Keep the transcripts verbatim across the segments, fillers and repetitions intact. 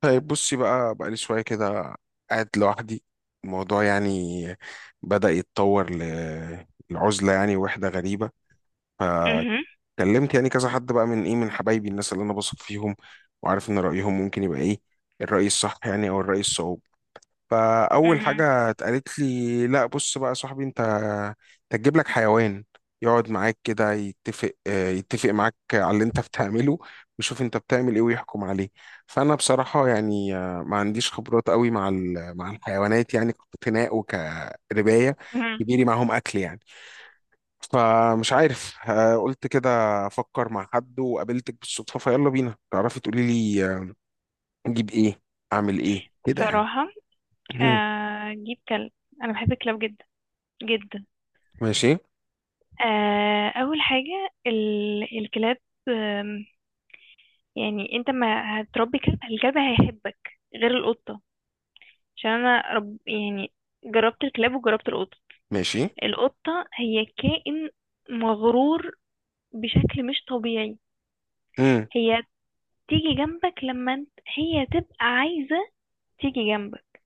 طيب، بصي بقى، بقالي شوية كده قاعد لوحدي. الموضوع يعني بدأ يتطور ل- لعزلة، يعني وحدة غريبة. مهم. فكلمت يعني كذا حد بقى، من إيه، من حبايبي، الناس اللي أنا بثق فيهم وعارف إن رأيهم ممكن يبقى إيه، الرأي الصح يعني، أو الرأي الصواب. فأول مهم. حاجة اتقالت لي، لا بص بقى يا صاحبي، أنت أنت هتجيب لك حيوان يقعد معاك كده، يتفق آه، يتفق معاك على اللي أنت بتعمله، ويشوف أنت بتعمل إيه ويحكم عليه. فأنا بصراحة يعني آه، ما عنديش خبرات قوي مع ال- مع الحيوانات، يعني كاقتناء وكرباية مهم. كبيري معاهم أكل يعني. فمش عارف آه، قلت كده أفكر مع حد، وقابلتك بالصدفة فيلا بينا تعرفي تقولي لي آه، أجيب إيه، أعمل إيه كده يعني. بصراحة، آه، أجيب كلب. أنا بحب الكلاب جدا جدا. ماشي، آه، أول حاجة ال- الكلاب. آم، يعني أنت ما هتربي كلب، الكلب هيحبك، غير القطة. عشان أنا رب يعني. جربت الكلاب وجربت القطة. ماشي. القطة هي كائن مغرور بشكل مش طبيعي. امم. هي تيجي جنبك لما انت هي تبقى عايزة تيجي جنبك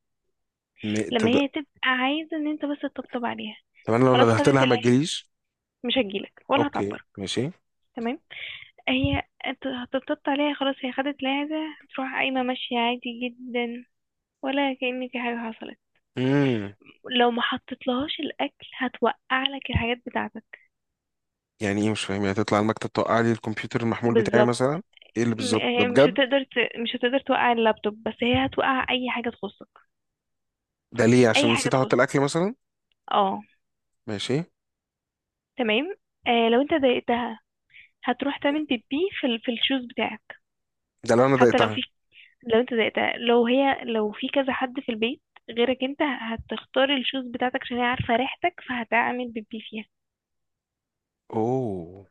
م- لما طب، هي تبقى عايزة ان انت بس تطبطب عليها. طب انا لو خلاص، ندهت خدت لها اللي ما هي... تجيليش؟ مش هتجيلك ولا اوكي، هتعبرك. ماشي. تمام. هي انت هتطبطب عليها، خلاص، هي خدت اللي هي عايزاه، هتروح قايمة ماشية عادي جدا، ولا كأن في حاجة حصلت. امم، لو ما حطيتلهاش الأكل هتوقع لك الحاجات بتاعتك. يعني ايه؟ مش فاهم. يعني تطلع على المكتب توقع لي الكمبيوتر المحمول بتاعي بالظبط. مثلا؟ ايه اللي م- بالظبط ده هي مش بجد؟ هتقدر ت... مش هتقدر توقع اللابتوب، بس هي هتوقع أي حاجة تخصك. ده ليه؟ أي عشان حاجة نسيت احط تخصك. الاكل مثلا؟ اه. ماشي. تمام. آه لو انت ضايقتها هتروح تعمل بيبي في ال... في الشوز بتاعك. ده لو انا حتى لو ضايقتها؟ في، لو انت زهقت، لو هي، لو في كذا حد في البيت غيرك، انت هتختار الشوز بتاعتك عشان هي عارفة ريحتك فهتعمل بيبي فيها. اوه.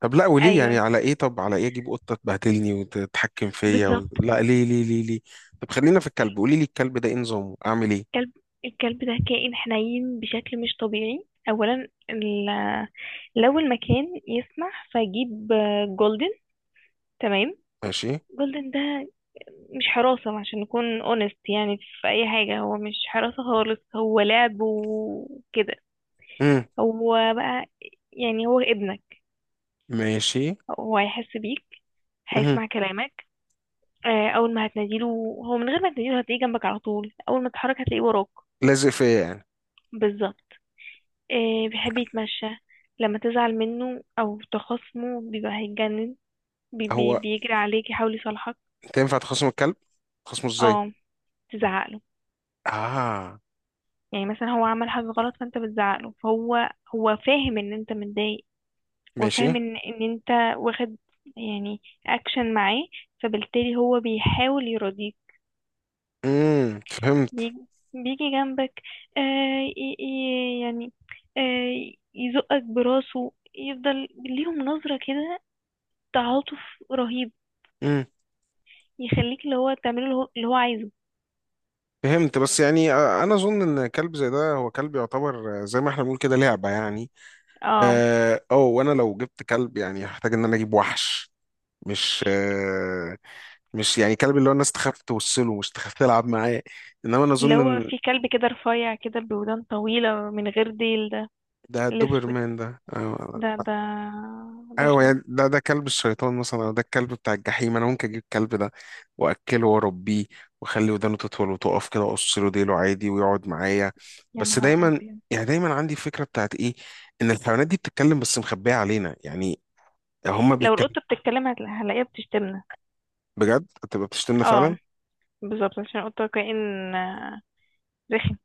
طب لا، وليه يعني؟ ايوه، على ايه؟ طب على ايه اجيب قطه تبهدلني وتتحكم فيا و... بالظبط. لا، ليه ليه ليه ليه؟ طب خلينا في الكلب، قولي لي الكلب ده ايه نظامه، اعمل ايه؟ الكلب الكلب ده كائن حنين بشكل مش طبيعي. اولا ال... لو المكان يسمح فجيب جولدن. تمام. ماشي. جولدن ده مش حراسة عشان نكون اونست يعني في اي حاجة. هو مش حراسة خالص، هو لعب وكده. امم. هو بقى يعني هو ابنك. ماشي. وهيحس بيك، امم. هيسمع كلامك. آه، اول ما هتناديله، هو من غير ما تناديله هتلاقيه جنبك على طول، اول ما تتحرك هتلاقيه وراك. لازق فيا يعني. بالظبط. آه، بيحب يتمشى. لما تزعل منه او تخاصمه بيبقى هيتجنن، بي بي هو بيجري عليك يحاول يصالحك. انت ينفع تخصم الكلب؟ تخصمه ازاي؟ اه، تزعقله. اه. يعني مثلا هو عمل حاجة غلط فانت بتزعقله، فهو... هو فاهم ان انت متضايق، ماشي. وفاهم ان ان انت واخد يعني اكشن معاه، فبالتالي هو بيحاول يرضيك. امم، فهمت. بيجي, بيجي جنبك. آه ي- ي- يعني، آه يزقك براسه، يفضل ليهم نظرة كده، تعاطف رهيب. امم، يخليك اللي هو تعمله اللي هو اللي هو عايزه. فهمت. بس يعني آه، انا اظن ان كلب زي ده هو كلب يعتبر آه، زي ما احنا بنقول كده، لعبه يعني. اه، اه أو، وانا لو جبت كلب يعني هحتاج ان انا اجيب وحش. مش آه مش يعني كلب اللي هو الناس تخاف توصله، مش تخاف تلعب معاه. انما انا اللي اظن هو ان في كلب كده رفيع كده بودان طويلة من غير ديل ده. ده الأسود الدوبرمان ده، آه. ده ده. ايوه بشع. يعني، ده ده كلب الشيطان مثلا، او ده الكلب بتاع الجحيم. انا ممكن اجيب الكلب ده واكله واربيه، واخلي ودانه تطول وتقف كده، واقص له ديله عادي ويقعد معايا. يا بس نهار دايما، أبيض. يعني دايما عندي فكره بتاعت ايه، ان الحيوانات دي بتتكلم بس مخبيه علينا يعني. هما لو بيتكلموا. القطة بتتكلم هتلا- هلاقيها بتشتمنا. بجد، انت بتشتمنا اه، فعلا؟ بالظبط، عشان القطة كائن آه، رخم.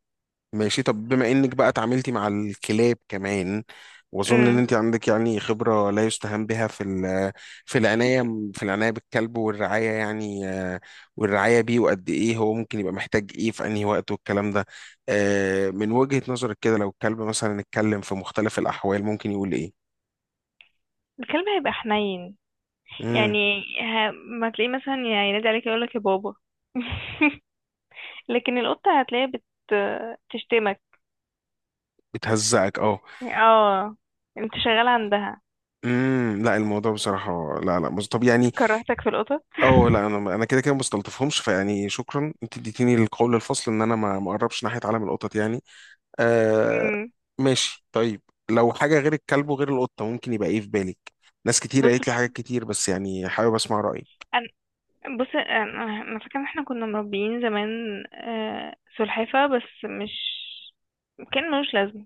ماشي. طب بما انك بقى اتعاملتي مع الكلاب كمان، واظن ان امم. انت عندك يعني خبره لا يستهان بها في ال- في العنايه، في العنايه بالكلب والرعايه، يعني آه، والرعايه بيه، وقد ايه هو ممكن يبقى محتاج ايه في انهي وقت والكلام ده. آه، من وجهه نظرك كده، لو الكلب مثلا اتكلم في مختلف الاحوال ممكن يقول ايه؟ الكلب هيبقى حنين. امم. يعني ه... ما تلاقيه مثلا يعني ينادي عليك يقولك يا بابا. لكن القطة هتلاقيها بت... تشتمك. بتهزقك، اه. اه. انت شغال عندها. امم. لا، الموضوع بصراحه لا، لا، مز- طب يعني. كرهتك في القطط. اه لا، انا انا كده كده ما بستلطفهمش، فيعني شكرا، انت اديتيني القول الفصل ان انا ما ما اقربش ناحيه عالم القطط يعني. آه. مم. ماشي، طيب. لو حاجه غير الكلب وغير القطه ممكن يبقى ايه في بالك؟ ناس كتير بص قالت لي حاجات كتير، بس يعني حابب اسمع رايك. انا بص انا أنا فاكره ان احنا كنا مربيين زمان آه، سلحفاه. بس مش كان ملوش لازمه.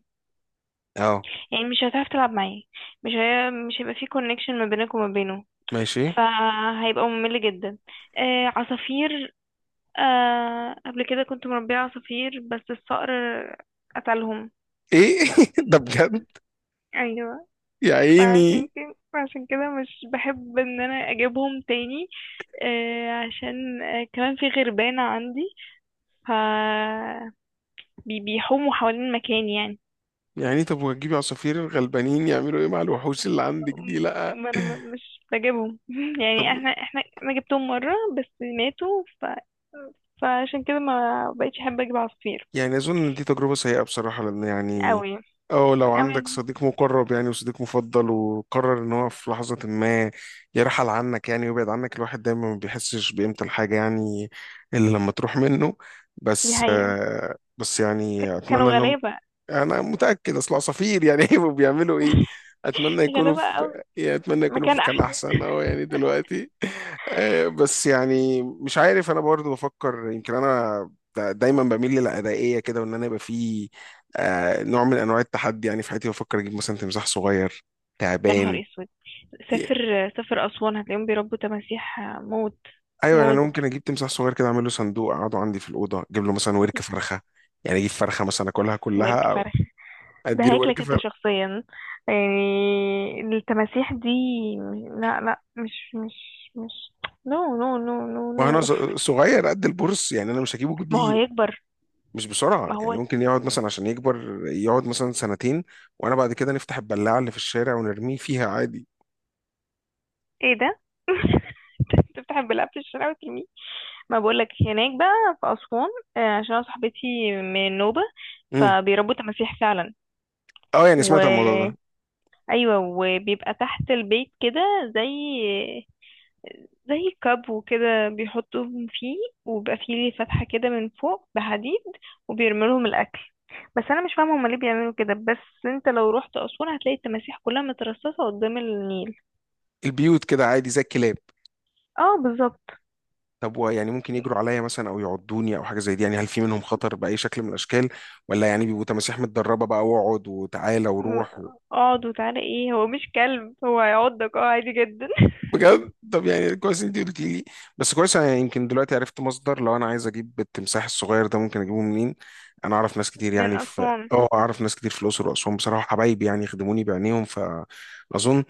اه، يعني مش هتعرف تلعب معاه، مش هي... مش هيبقى فيه كونكشن ما بينك وما بينه، ماشي. ايه؟ فهيبقى ممل جدا. آه، عصافير. آه قبل كده كنت مربية عصافير، بس الصقر قتلهم. ده بجد؟ ايوه. يا عيني. فعشان كده عشان كده مش بحب ان انا اجيبهم تاني. آه عشان آه كمان في غربانة عندي، ف... بي- بيحوموا حوالين مكاني يعني. يعني طب، وهتجيبي عصافير الغلبانين يعملوا ايه مع الوحوش اللي عندك دي؟ لا. ما انا م- مش بجيبهم. طب يعني احنا احنا انا جبتهم مرة بس ماتوا، ف... فعشان كده ما بقتش احب اجيب عصافير. يعني أظن إن دي تجربة سيئة بصراحة، لأن يعني، قوي أو لو قوي. عندك صديق مقرب يعني، وصديق مفضل، وقرر إن هو في لحظة ما يرحل عنك يعني، ويبعد عنك، الواحد دايما ما بيحسش بقيمة الحاجة يعني، إلا لما تروح منه. دي بس حقيقة. آه، بس ك- يعني كانوا أتمنى إن هم، غلابة. انا متاكد اصل عصافير يعني هيبقوا بيعملوا ايه. اتمنى يكونوا غلابة. في، يعني اتمنى يكونوا في مكان مكان احسن. احسن، اه يعني دلوقتي. آه، بس يعني مش عارف، انا برضو بفكر يمكن انا دا- دايما بميل للأدائية كده، وان انا يبقى في آه، نوع من انواع التحدي يعني في حياتي. بفكر اجيب مثلا تمساح صغير، يا نهار تعبان. اسود. ي- سافر سافر اسوان هتلاقيهم بيربوا تماسيح موت. ايوه، يعني انا موت. ممكن اجيب تمساح صغير كده، اعمل له صندوق اقعده عندي في الاوضه، اجيب له مثلا ورك فرخه. يعني اجيب فرخه مثلا اكلها وارك كلها، او فرخ؟ ده ادي له ورك. هياكلك انت شخصيا يعني، التماسيح دي. لا لا، مش مش مش، نو نو نو نو نو. وانا ص- صغير قد البورس يعني، انا مش هجيبه ما هو كبير، هيكبر. مش بسرعه ما يعني. هو ممكن يقعد مثلا عشان يكبر يقعد مثلا سنتين، وانا بعد كده نفتح البلاعه اللي في الشارع ونرميه فيها عادي. ايه ده؟ تفتح البلاعه في الشارع وترميه؟ ما بقولك، هناك بقى في أسوان، آه، عشان أنا صاحبتي من نوبة، امم. فبيربوا تماسيح. اه يعني سمعت عن الموضوع فعلا. ده. ايوه، وبيبقى تحت البيت كده زي زي كاب وكده بيحطوهم فيه، وبيبقى فيه ليه فتحة كده من فوق بحديد، وبيرموا لهم الاكل. بس انا مش فاهمه هما ليه بيعملوا كده، بس انت لو رحت اسوان هتلاقي التماسيح كلها مترصصه قدام النيل. البيوت كده عادي زي الكلاب. اه، بالظبط. طب و- يعني ممكن يجروا عليا مثلا او يعضوني او حاجه زي دي يعني، هل في منهم خطر باي شكل من الاشكال؟ ولا يعني بيبقوا تماسيح متدربه بقى، واقعد وتعالى م- وروح؟ اقعد وتعالى ايه؟ هو مش كلب، هو هيعضك اه عادي جدا. بجد؟ طب يعني كويس انت قلت لي، بس كويس انا يمكن دلوقتي عرفت مصدر، لو انا عايز اجيب التمساح الصغير ده ممكن اجيبه منين. انا اعرف ناس كتير من يعني في اسوان. اه، اعرف ناس كتير في الاقصر واسوان بصراحه، حبايبي يعني يخدموني بعينيهم، فاظن.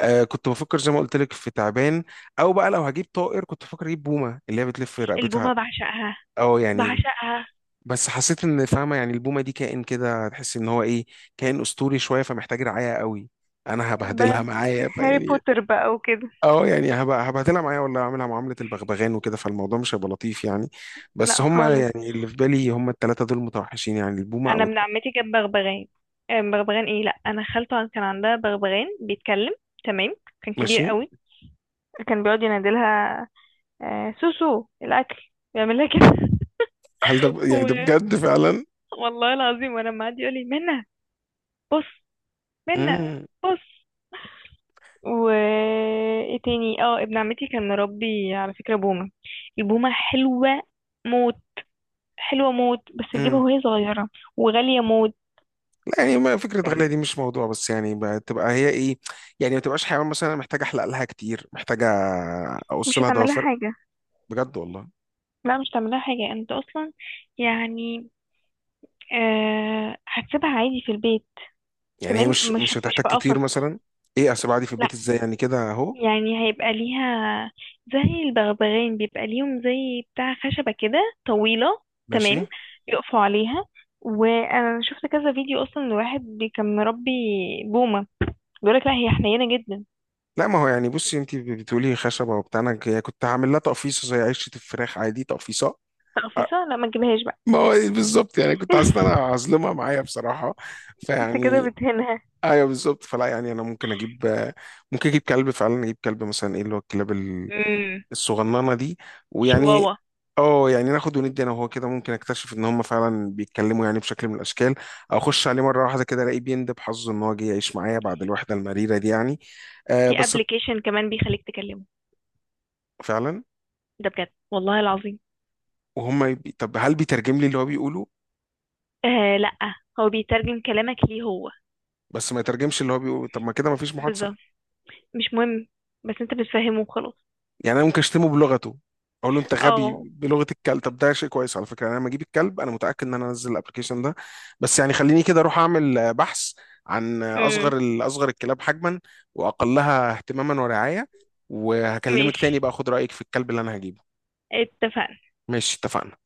آه، كنت بفكر زي ما قلت لك في تعبان، او بقى لو هجيب طائر كنت بفكر اجيب بومه، اللي هي بتلف رقبتها. البومه بعشقها. اه يعني، بعشقها. بس حسيت ان فاهمه يعني البومه دي كائن كده، تحس ان هو ايه، كائن اسطوري شويه، فمحتاج رعايه قوي، انا ب... هبهدلها معايا هاري فيعني. بوتر بقى وكده. اه يعني، هبقى هبهدلها معايا ولا اعملها معاملة البغبغان وكده، فالموضوع مش هيبقى لطيف يعني. بس لا هما خالص. يعني اللي في بالي هما التلاتة دول متوحشين يعني، البومة انا او ابن الت- عمتي جاب بغبغان. آه، بغبغان ايه لا انا، خالته كان عندها بغبغان بيتكلم. تمام. كان كبير ماشي. قوي. كان بيقعد ينادلها آه، سوسو، الاكل. بيعمل لها كده. هل ده ب... يعني و... ده بجد فعلا؟ والله العظيم وانا معدي يقول لي منى. بص، منى، امم. بص و ايه تاني؟ اه، ابن عمتي كان مربي على فكره بومه. البومه حلوه موت. حلوه موت، بس تجيبها امم. وهي صغيره، وغاليه موت. لا يعني، ما فكرة غالية دي مش موضوع، بس يعني بتبقى هي ايه، يعني ما تبقاش حيوان مثلا محتاجة احلق لها كتير، محتاجة اقص مش لها هتعمل لها ضوافر. حاجه. بجد والله. لا مش هتعمل لها حاجه انت اصلا، يعني، أه هتسيبها عادي في البيت. يعني تمام. هي مش، مش مش هت- مش هتحتاج في تطير قفص. مثلا؟ ايه، اسيب عادي في لا، البيت ازاي، يعني كده اهو؟ يعني هيبقى ليها زي البغبغان، بيبقى ليهم زي بتاع خشبة كده طويلة. ماشي. تمام. يقفوا عليها. وانا شفت كذا فيديو اصلا لواحد بي- كان مربي بومة، بيقولك لا هي حنينة جدا. لا، ما هو يعني بصي، انت بتقولي خشبه وبتاع، انا ك- كنت هعمل لها تقفيصه زي عشه الفراخ عادي، تقفيصه. أه، تقفيصة؟ لا، ما تجيبهاش بقى. ما هو إيه بالظبط يعني، كنت حاسس ان انا هظلمها معايا بصراحه، انت كده فيعني. بتهنها. ايوه، بالظبط. فلا يعني انا ممكن اجيب، ممكن اجيب كلب فعلا. اجيب كلب مثلا ايه اللي هو الكلاب ال- امم. الصغننه دي، ويعني شواوا. اه يعني ناخد وندي انا وهو كده، ممكن اكتشف ان هم فعلا بيتكلموا يعني بشكل من الاشكال، او اخش عليه مره واحده كده الاقيه بيندب حظه ان هو جه يعيش معايا بعد الوحده المريره دي يعني. آه في بس. ابلكيشن كمان بيخليك تكلمه. فعلا. ده بجد والله العظيم. وهم يبي... طب هل بيترجم لي اللي هو بيقوله؟ آه لا، هو بيترجم كلامك ليه هو. بس ما يترجمش اللي هو بيقوله؟ طب ما كده ما فيش محادثه. بالظبط. مش مهم، بس انت بتفهمه وخلاص. يعني انا ممكن اشتمه بلغته، اقول له انت غبي اه. بلغه الكلب؟ طب ده شيء كويس على فكره، يعني انا لما اجيب الكلب انا متاكد ان انا انزل الابلكيشن ده. بس يعني خليني كده اروح اعمل آه، بحث عن آه، امم. اصغر ال- اصغر الكلاب حجما، واقلها اهتماما ورعايه، وهكلمك تاني ماشي، بقى اخد رايك في الكلب اللي انا هجيبه. اتفقنا. ماشي، اتفقنا.